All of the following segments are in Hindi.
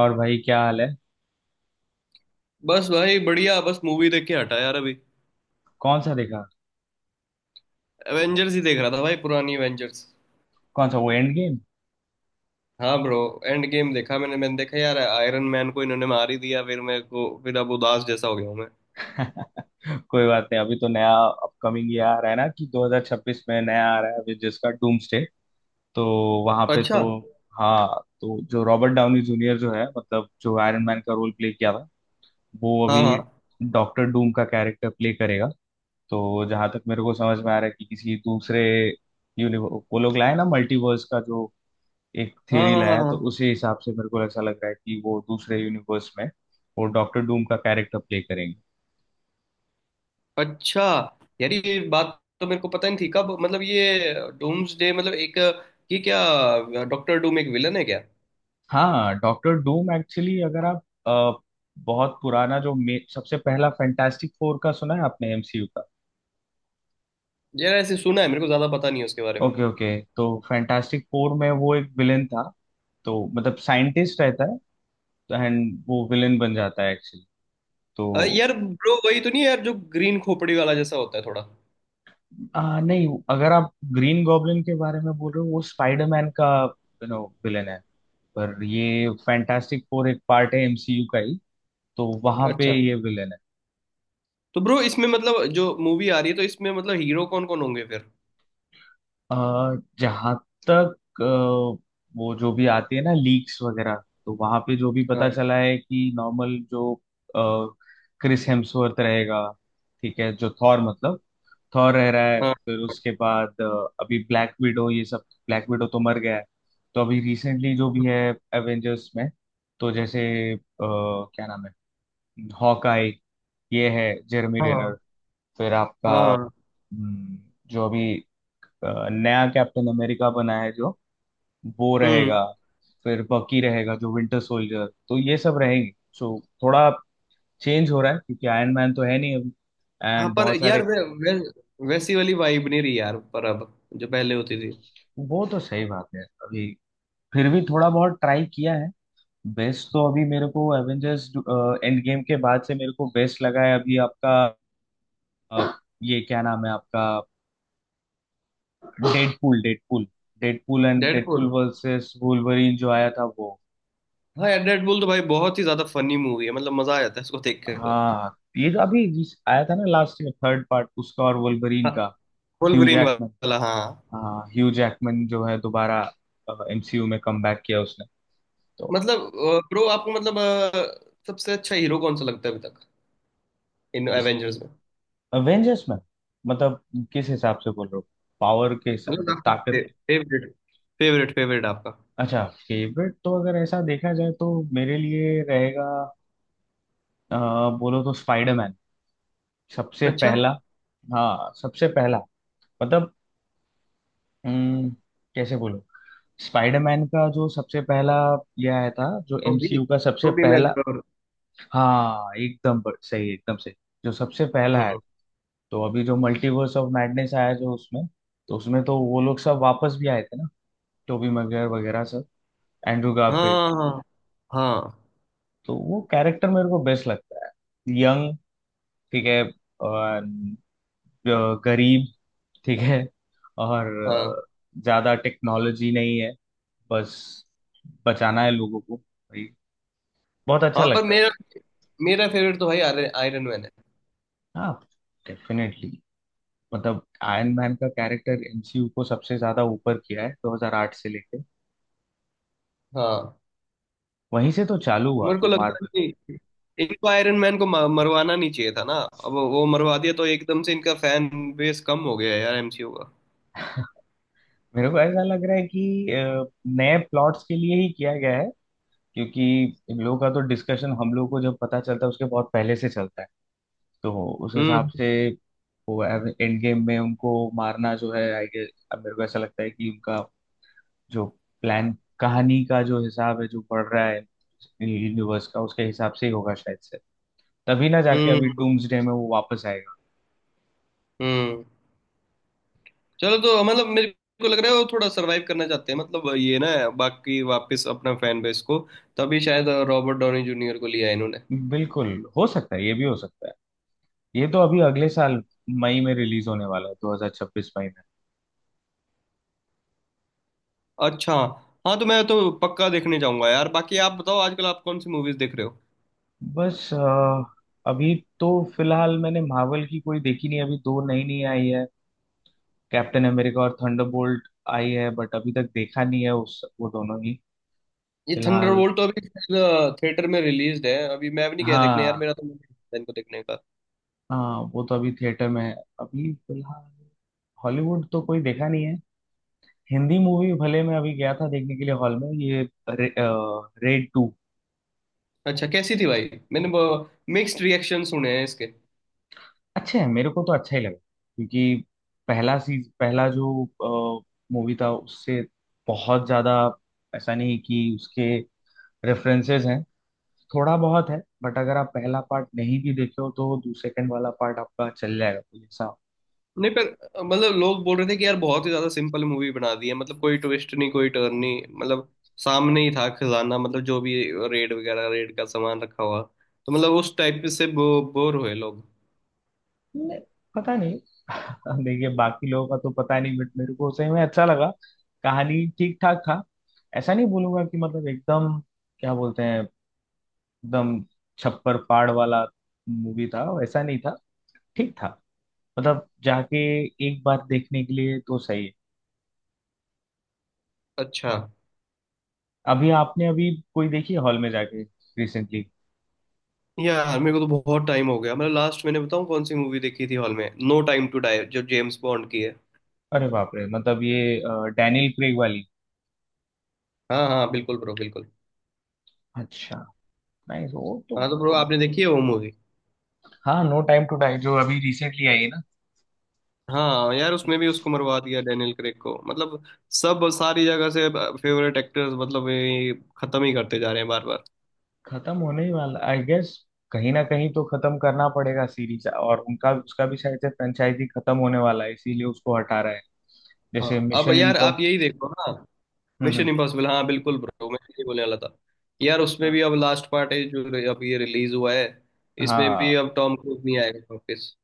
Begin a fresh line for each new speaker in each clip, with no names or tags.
और भाई क्या हाल है।
बस भाई बढ़िया। बस मूवी देख के हटा यार अभी।
कौन सा देखा?
एवेंजर्स ही देख रहा था भाई, पुरानी एवेंजर्स।
कौन सा? वो एंड गेम?
हाँ ब्रो, एंड गेम देखा। मैंने मैंने देखा यार। आयरन मैन को इन्होंने मार ही दिया फिर, मेरे को फिर अब उदास जैसा हो गया हूँ मैं।
कोई बात नहीं। अभी तो नया अपकमिंग ये आ रहा है ना कि 2026 में नया आ रहा है अभी जिसका डूम्सडे। तो वहां पे
अच्छा।
तो हाँ। तो जो रॉबर्ट डाउनी जूनियर जो है मतलब जो आयरन मैन का रोल प्ले किया था, वो
हाँ
अभी
हाँ
डॉक्टर डूम का कैरेक्टर प्ले करेगा। तो जहां तक मेरे को समझ में आ रहा है कि किसी दूसरे यूनिवर्स वो लोग लाए ना, मल्टीवर्स का जो एक
हाँ
थियरी
हाँ। हाँ
लाया है, तो
हाँ।
उसी हिसाब से मेरे को ऐसा लग रहा है कि वो दूसरे यूनिवर्स में वो डॉक्टर डूम का कैरेक्टर प्ले करेंगे।
अच्छा, यार ये बात तो मेरे को पता नहीं थी। कब मतलब ये डूम्सडे मतलब एक, ये क्या डॉक्टर डूम एक विलन है क्या?
हाँ, डॉक्टर डूम एक्चुअली अगर आप बहुत पुराना जो सबसे पहला फैंटास्टिक फोर का सुना है आपने एमसीयू का?
यार ऐसे सुना है, मेरे को ज्यादा पता नहीं है उसके बारे में।
Okay, okay. तो फैंटास्टिक फोर में वो एक विलेन था। तो मतलब साइंटिस्ट रहता है एंड वो विलेन बन जाता है एक्चुअली। तो
यार ब्रो वही तो नहीं है यार, जो ग्रीन खोपड़ी वाला जैसा होता है थोड़ा?
नहीं, अगर आप ग्रीन गॉब्लिन के बारे में बोल रहे हो, वो स्पाइडरमैन का विलेन है। पर ये फैंटास्टिक फोर एक पार्ट है एमसीयू का ही। तो वहां पे
अच्छा।
ये विलेन है।
तो ब्रो इसमें मतलब जो मूवी आ रही है, तो इसमें मतलब हीरो कौन कौन होंगे फिर?
आ, जहां तक अ, वो जो भी आती है ना लीक्स वगैरह, तो वहां पे जो भी
हाँ।
पता चला है कि नॉर्मल जो क्रिस हेम्सवर्थ रहेगा। ठीक है, जो थॉर मतलब थॉर रह रहा है,
हाँ।
फिर उसके बाद अभी ब्लैक विडो ये सब। ब्लैक विडो तो मर गया है। तो अभी रिसेंटली जो भी है एवेंजर्स में, तो जैसे क्या नाम है, हॉकाई, ये है जेरमी रेनर।
हाँ
फिर आपका
हाँ।
हम्म, जो अभी नया कैप्टन अमेरिका बना है, जो वो
हम्म।
रहेगा। फिर बकी रहेगा जो विंटर सोल्जर, तो ये सब रहेंगे। सो थोड़ा चेंज हो रहा है क्योंकि आयरन मैन तो है नहीं अभी
हाँ
एंड
पर
बहुत सारे।
यार वै, वै, वैसी वाली वाइब नहीं रही यार पर अब, जो पहले होती थी।
वो तो सही बात है। अभी फिर भी थोड़ा बहुत ट्राई किया है। बेस्ट तो अभी मेरे को एवेंजर्स एंड गेम के बाद से मेरे को बेस्ट लगा है अभी, आपका ये क्या नाम है, आपका Deadpool, Deadpool, Deadpool and
Deadpool.
Deadpool versus Wolverine जो आया था वो।
हाँ यार डेडपुल तो भाई बहुत ही ज्यादा फनी मूवी है, मतलब मजा आ जाता है इसको देख के तो।
हाँ, ये जो अभी जिस आया था ना, लास्ट में थर्ड पार्ट उसका और वुल्वरीन
हाँ
का, ह्यू
वोल्वरिन
जैकमैन।
वाला, हाँ।
हाँ, ह्यू जैकमैन जो है दोबारा एमसीयू में कमबैक किया उसने। तो
मतलब ब्रो आपको मतलब सबसे अच्छा हीरो कौन सा लगता है अभी तक, इन
इस
एवेंजर्स में?
अवेंजर्स में मतलब किस हिसाब से बोल रहे हो? पावर के हिसाब
मतलब
मतलब
आपका फेवरेट। फेवरेट आपका।
अच्छा, फेवरेट तो अगर ऐसा देखा जाए तो मेरे लिए रहेगा अ, बोलो तो स्पाइडरमैन, सबसे
अच्छा।
पहला। हाँ, सबसे पहला मतलब हम्म, कैसे बोलो, स्पाइडरमैन का जो सबसे पहला ये आया था, जो
तो भी
एमसीयू का सबसे
तो भी मैं।
पहला। हाँ, एकदम सही, एकदम सही, जो सबसे पहला आया था।
हम्म।
तो अभी जो मल्टीवर्स ऑफ मैडनेस आया जो उसमें, तो उसमें तो वो लोग सब वापस भी आए थे ना, टोबी मैguire वगैरह सब, एंड्रू गारफील्ड।
हाँ हाँ हाँ
तो वो कैरेक्टर मेरे को बेस्ट लगता है। यंग, ठीक है, और, गरीब, ठीक है, और
हाँ।
ज्यादा टेक्नोलॉजी नहीं है, बस बचाना है लोगों को भाई। बहुत अच्छा
हाँ पर
लगता है।
मेरा, मेरा फेवरेट तो भाई आयरन मैन है।
हाँ, डेफिनेटली। मतलब आयरन मैन का कैरेक्टर एमसीयू को सबसे ज्यादा ऊपर किया है 2008 से लेके।
हाँ।
वहीं से तो चालू हुआ
मेरे को
जो
लगता
मार्वल।
है कि इनको आयरन मैन को मरवाना नहीं चाहिए था ना। अब वो मरवा दिया तो एकदम से इनका फैन बेस कम हो गया है यार एमसीयू का।
मेरे को ऐसा लग रहा है कि नए प्लॉट्स के लिए ही किया गया है क्योंकि इन लोगों का तो डिस्कशन हम लोग को जब पता चलता है, उसके बहुत पहले से चलता है। तो उस हिसाब
हम्म।
से वो एंड गेम में उनको मारना जो है, आई गेस, अब मेरे को ऐसा लगता है कि उनका जो प्लान, कहानी का जो हिसाब है जो बढ़ रहा है यूनिवर्स का, उसके हिसाब से ही होगा शायद से। तभी ना जाके अभी
हम्म।
डूम्सडे में वो वापस आएगा।
हम्म। चलो, तो मतलब मेरे को लग रहा है वो थोड़ा सरवाइव करना चाहते हैं, मतलब ये ना, बाकी वापस अपना फैन बेस को। तभी शायद रॉबर्ट डॉनी जूनियर को लिया है इन्होंने।
बिल्कुल, हो सकता है, ये भी हो सकता है। ये तो अभी अगले साल मई में रिलीज होने वाला है, 2026 मई में।
अच्छा। हाँ तो मैं तो पक्का देखने जाऊंगा यार। बाकी आप बताओ आजकल आप कौन सी मूवीज देख रहे हो?
बस, अभी तो फिलहाल मैंने मार्वल की कोई देखी नहीं। अभी दो नई नई आई है, कैप्टन अमेरिका और थंडरबोल्ट आई है, बट अभी तक देखा नहीं है उस वो दोनों ही
ये
फिलहाल।
थंडरबोल्ट तो अभी थिएटर में रिलीज है। अभी मैं भी नहीं गया देखने यार,
हाँ,
मेरा तो मन नहीं था इनको देखने का।
हाँ, वो तो अभी थिएटर में है अभी फिलहाल। हॉलीवुड तो कोई देखा नहीं है। हिंदी मूवी भले मैं अभी गया था देखने के लिए हॉल में, ये रेड टू।
अच्छा कैसी थी भाई? मैंने मिक्स्ड रिएक्शन सुने हैं इसके।
अच्छा है, मेरे को तो अच्छा ही लगा क्योंकि पहला सीज पहला जो मूवी था उससे बहुत ज्यादा ऐसा नहीं कि उसके रेफरेंसेस हैं, थोड़ा बहुत है, बट अगर आप पहला पार्ट नहीं भी देखे हो तो सेकंड वाला पार्ट आपका चल जाएगा, तो ऐसा
नहीं पर मतलब लोग बोल रहे थे कि यार बहुत ही ज्यादा सिंपल मूवी बना दी है, मतलब कोई ट्विस्ट नहीं कोई टर्न नहीं, मतलब सामने ही था खजाना, मतलब जो भी रेड वगैरह रेड का सामान रखा हुआ। तो मतलब उस टाइप से बोर हुए लोग।
नहीं। पता नहीं। देखिए, बाकी लोगों का तो पता नहीं बट मेरे को सही में अच्छा लगा। कहानी ठीक ठाक था, ऐसा नहीं बोलूंगा कि मतलब एकदम क्या बोलते हैं, एकदम छप्पर पाड़ वाला मूवी था, वैसा नहीं था। ठीक था। मतलब जाके एक बार देखने के लिए तो सही है।
अच्छा।
अभी आपने अभी कोई देखी हॉल में जाके, रिसेंटली?
यार मेरे को तो बहुत टाइम हो गया। मतलब लास्ट मैंने बताऊं, कौन सी मूवी देखी थी हॉल में, नो टाइम टू डाई जो जेम्स बॉन्ड की है।
अरे बाप रे, मतलब ये डैनियल क्रेग वाली?
हाँ हाँ बिल्कुल ब्रो, बिल्कुल।
अच्छा, नाइस, वो तो।
हाँ तो ब्रो आपने देखी है वो मूवी?
हाँ, नो टाइम टू डाई जो अभी रिसेंटली आई है ना।
हाँ यार उसमें भी उसको मरवा दिया, डेनियल क्रेग को, मतलब सब सारी जगह से फेवरेट एक्टर्स मतलब ये खत्म ही करते जा रहे हैं बार बार।
खत्म होने ही वाला, आई गेस। कहीं ना कहीं तो खत्म करना पड़ेगा सीरीज, और उनका उसका भी शायद से फ्रेंचाइजी खत्म होने वाला है, इसीलिए उसको हटा रहा है।
हाँ,
जैसे
अब
मिशन
यार आप
इम्पॉस,
यही देखो ना।
हम्म,
मिशन इम्पॉसिबल, हाँ बिल्कुल ब्रो, मैं यही बोलने वाला था। यार उसमें
हाँ,
भी अब लास्ट पार्ट है जो अब ये रिलीज हुआ है। इसमें
हाँ,
भी अब टॉम क्रूज नहीं आएगा वापस।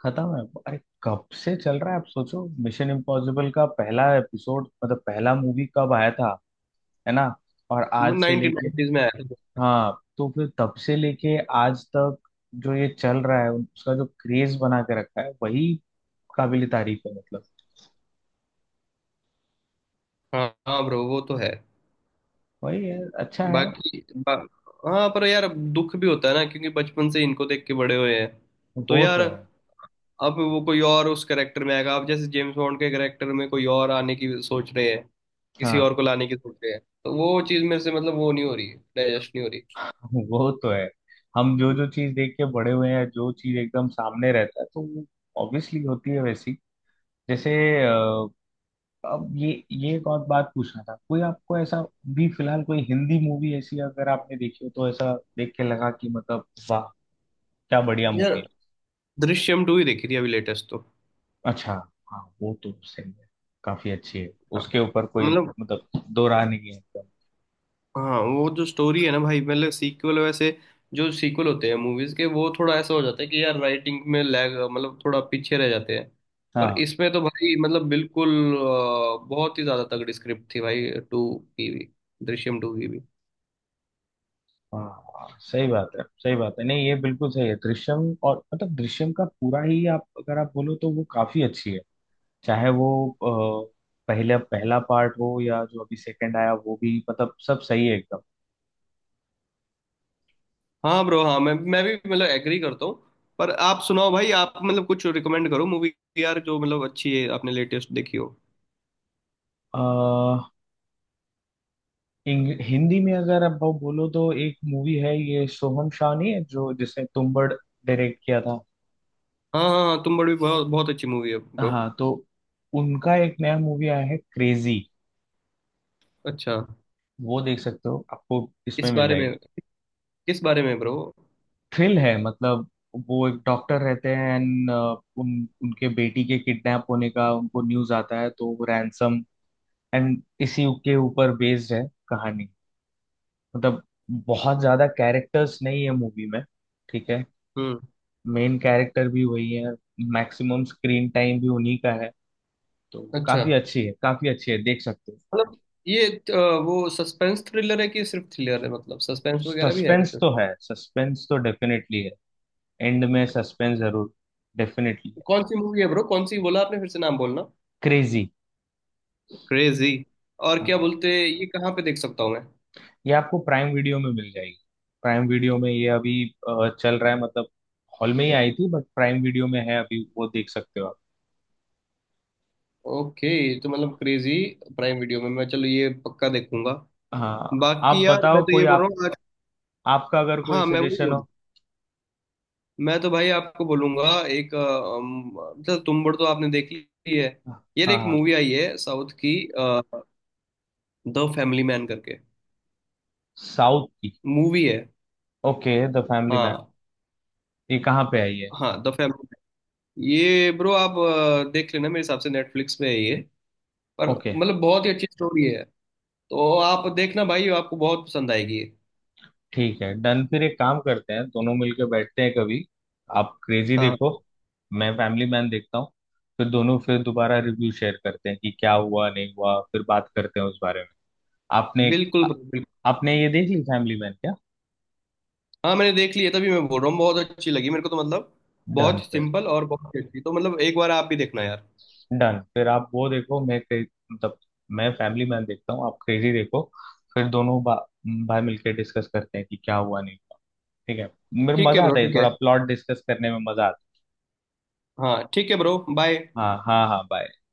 खत्म है। अरे कब से चल रहा है, आप सोचो, मिशन इम्पॉसिबल का पहला एपिसोड मतलब पहला मूवी कब आया था? है ना? और आज से
नाइनटीन
लेके,
नाइनटीज में आया था।
हाँ, तो फिर तब से लेके आज तक जो ये चल रहा है, उसका जो क्रेज बना के रखा है, वही काबिल तारीफ है मतलब।
हाँ हाँ ब्रो वो तो है।
वही है, अच्छा है।
बाकी बा, हाँ पर यार अब दुख भी होता है ना, क्योंकि बचपन से इनको देख के बड़े हुए हैं तो
वो
यार।
तो है।
अब वो कोई और उस करेक्टर में आएगा। अब जैसे जेम्स बॉन्ड के करेक्टर में कोई और आने की सोच रहे हैं, किसी
हाँ।
और को लाने की सोच रहे हैं, तो वो चीज मेरे से मतलब वो नहीं हो रही है, डाइजेस्ट नहीं हो
वो तो है। हम जो
रही।
जो चीज देख के बड़े हुए हैं, जो चीज एकदम सामने रहता है, तो वो ऑब्वियसली होती है वैसी। जैसे अ, अब ये एक और बात पूछना था। कोई आपको ऐसा भी फिलहाल कोई हिंदी मूवी ऐसी अगर आपने देखी हो तो ऐसा देख के लगा कि मतलब वाह, क्या बढ़िया
यार
मूवी!
दृश्यम टू ही देखी थी अभी लेटेस्ट तो।
अच्छा, हाँ, वो तो सही है, काफी अच्छी है।
हाँ
उसके ऊपर कोई
मतलब,
मतलब दो राह नहीं है एकदम।
हाँ वो जो स्टोरी है ना भाई, मतलब सीक्वल वैसे, जो सीक्वल होते हैं मूवीज के वो थोड़ा ऐसा हो जाता है कि यार राइटिंग में लैग, मतलब थोड़ा पीछे रह जाते हैं। पर
हाँ,
इसमें तो भाई मतलब बिल्कुल बहुत ही ज्यादा तगड़ी स्क्रिप्ट थी भाई, टू की भी, दृश्यम टू की भी।
हाँ, सही बात है, सही बात है, नहीं, ये बिल्कुल सही है, दृश्यम। और मतलब दृश्यम का पूरा ही, आप अगर आप बोलो तो वो काफी अच्छी है, चाहे वो अ, पहला पहला पार्ट हो या जो अभी सेकंड आया वो भी, मतलब सब सही है एकदम।
हाँ ब्रो। हाँ मैं भी मतलब एग्री करता हूँ। पर आप सुनाओ भाई, आप मतलब कुछ रिकमेंड करो मूवी यार, जो मतलब अच्छी है आपने लेटेस्ट देखी हो।
अ, हिंदी में अगर आप बोलो तो एक मूवी है, ये सोहम शाह नहीं है जो जिसने तुम्बड़ डायरेक्ट किया था।
हाँ हाँ हाँ, तुम बड़ी बहुत बहुत अच्छी मूवी है ब्रो।
हाँ, तो उनका एक नया मूवी आया है, क्रेजी।
अच्छा
वो देख सकते हो, आपको इसमें
किस
मिल
बारे में?
जाएगी।
किस बारे में ब्रो?
थ्रिल है मतलब। वो एक डॉक्टर रहते हैं एंड उन उनके बेटी के किडनैप होने का उनको न्यूज आता है, तो वो रैंसम, एंड इसी के ऊपर बेस्ड है कहानी। मतलब बहुत ज्यादा कैरेक्टर्स नहीं है मूवी में, ठीक है।
हम्म।
मेन कैरेक्टर भी वही है, मैक्सिमम स्क्रीन टाइम भी उन्हीं का है। तो
अच्छा
काफी अच्छी है, काफी अच्छी है, देख सकते हो।
मतलब ये वो सस्पेंस थ्रिलर है कि सिर्फ थ्रिलर है, मतलब सस्पेंस वगैरह भी है कुछ
सस्पेंस तो
उसमें?
है, सस्पेंस तो डेफिनेटली है। एंड में सस्पेंस जरूर डेफिनेटली है।
कौन सी मूवी है ब्रो? कौन सी बोला आपने? फिर से नाम बोलना।
क्रेजी।
क्रेजी। और क्या
हाँ,
बोलते, ये कहाँ पे देख सकता हूँ मैं?
ये आपको प्राइम वीडियो में मिल जाएगी। प्राइम वीडियो में ये अभी चल रहा है, मतलब हॉल में ही आई थी बट प्राइम वीडियो में है अभी, वो देख सकते हो आप।
ओके। तो मतलब क्रेजी, प्राइम वीडियो में। मैं चलो ये पक्का देखूंगा।
हाँ, आप
बाकी यार मैं
बताओ
तो
कोई,
ये बोल
आप
रहा हूँ आज,
आपका अगर कोई
हाँ मैं वही
सजेशन
बोल,
हो।
मैं तो भाई आपको बोलूंगा एक, चल तुम बड़ तो आपने देख ली है। यार
हाँ,
एक
हाँ,
मूवी आई है साउथ की, द फैमिली मैन करके
साउथ की?
मूवी है।
Okay, The Family Man.
हाँ
ये कहाँ पे आई है?
हाँ द फैमिली मैन। ये ब्रो आप देख लेना। मेरे हिसाब से नेटफ्लिक्स पे है ये, पर
ओके,
मतलब बहुत ही अच्छी स्टोरी है, तो आप देखना भाई, आपको बहुत पसंद आएगी ये।
ठीक है, डन फिर। एक काम करते हैं, दोनों मिलकर बैठते हैं कभी। आप क्रेजी देखो,
हाँ
मैं फैमिली मैन देखता हूँ। फिर दोनों फिर दोबारा रिव्यू शेयर करते हैं कि क्या हुआ नहीं हुआ, फिर बात करते हैं उस बारे में। आपने आ-
बिल्कुल bro।
आपने ये देख ली फैमिली मैन क्या?
हाँ मैंने देख ली है, तभी मैं बोल रहा हूँ बहुत अच्छी लगी मेरे को तो। मतलब
डन
बहुत
फिर,
सिंपल और बहुत अच्छी, तो मतलब एक बार आप भी देखना यार।
डन फिर आप वो देखो, मतलब मैं फैमिली मैन देखता हूँ, आप क्रेजी देखो। फिर दोनों भाई मिलकर डिस्कस करते हैं कि क्या हुआ नहीं हुआ, ठीक है। मेरे
ठीक है
मजा
ब्रो,
आता है,
ठीक है।
थोड़ा प्लॉट डिस्कस करने में मजा आता
हाँ ठीक है ब्रो, बाय।
है। हाँ, हाँ, हाँ, बाय।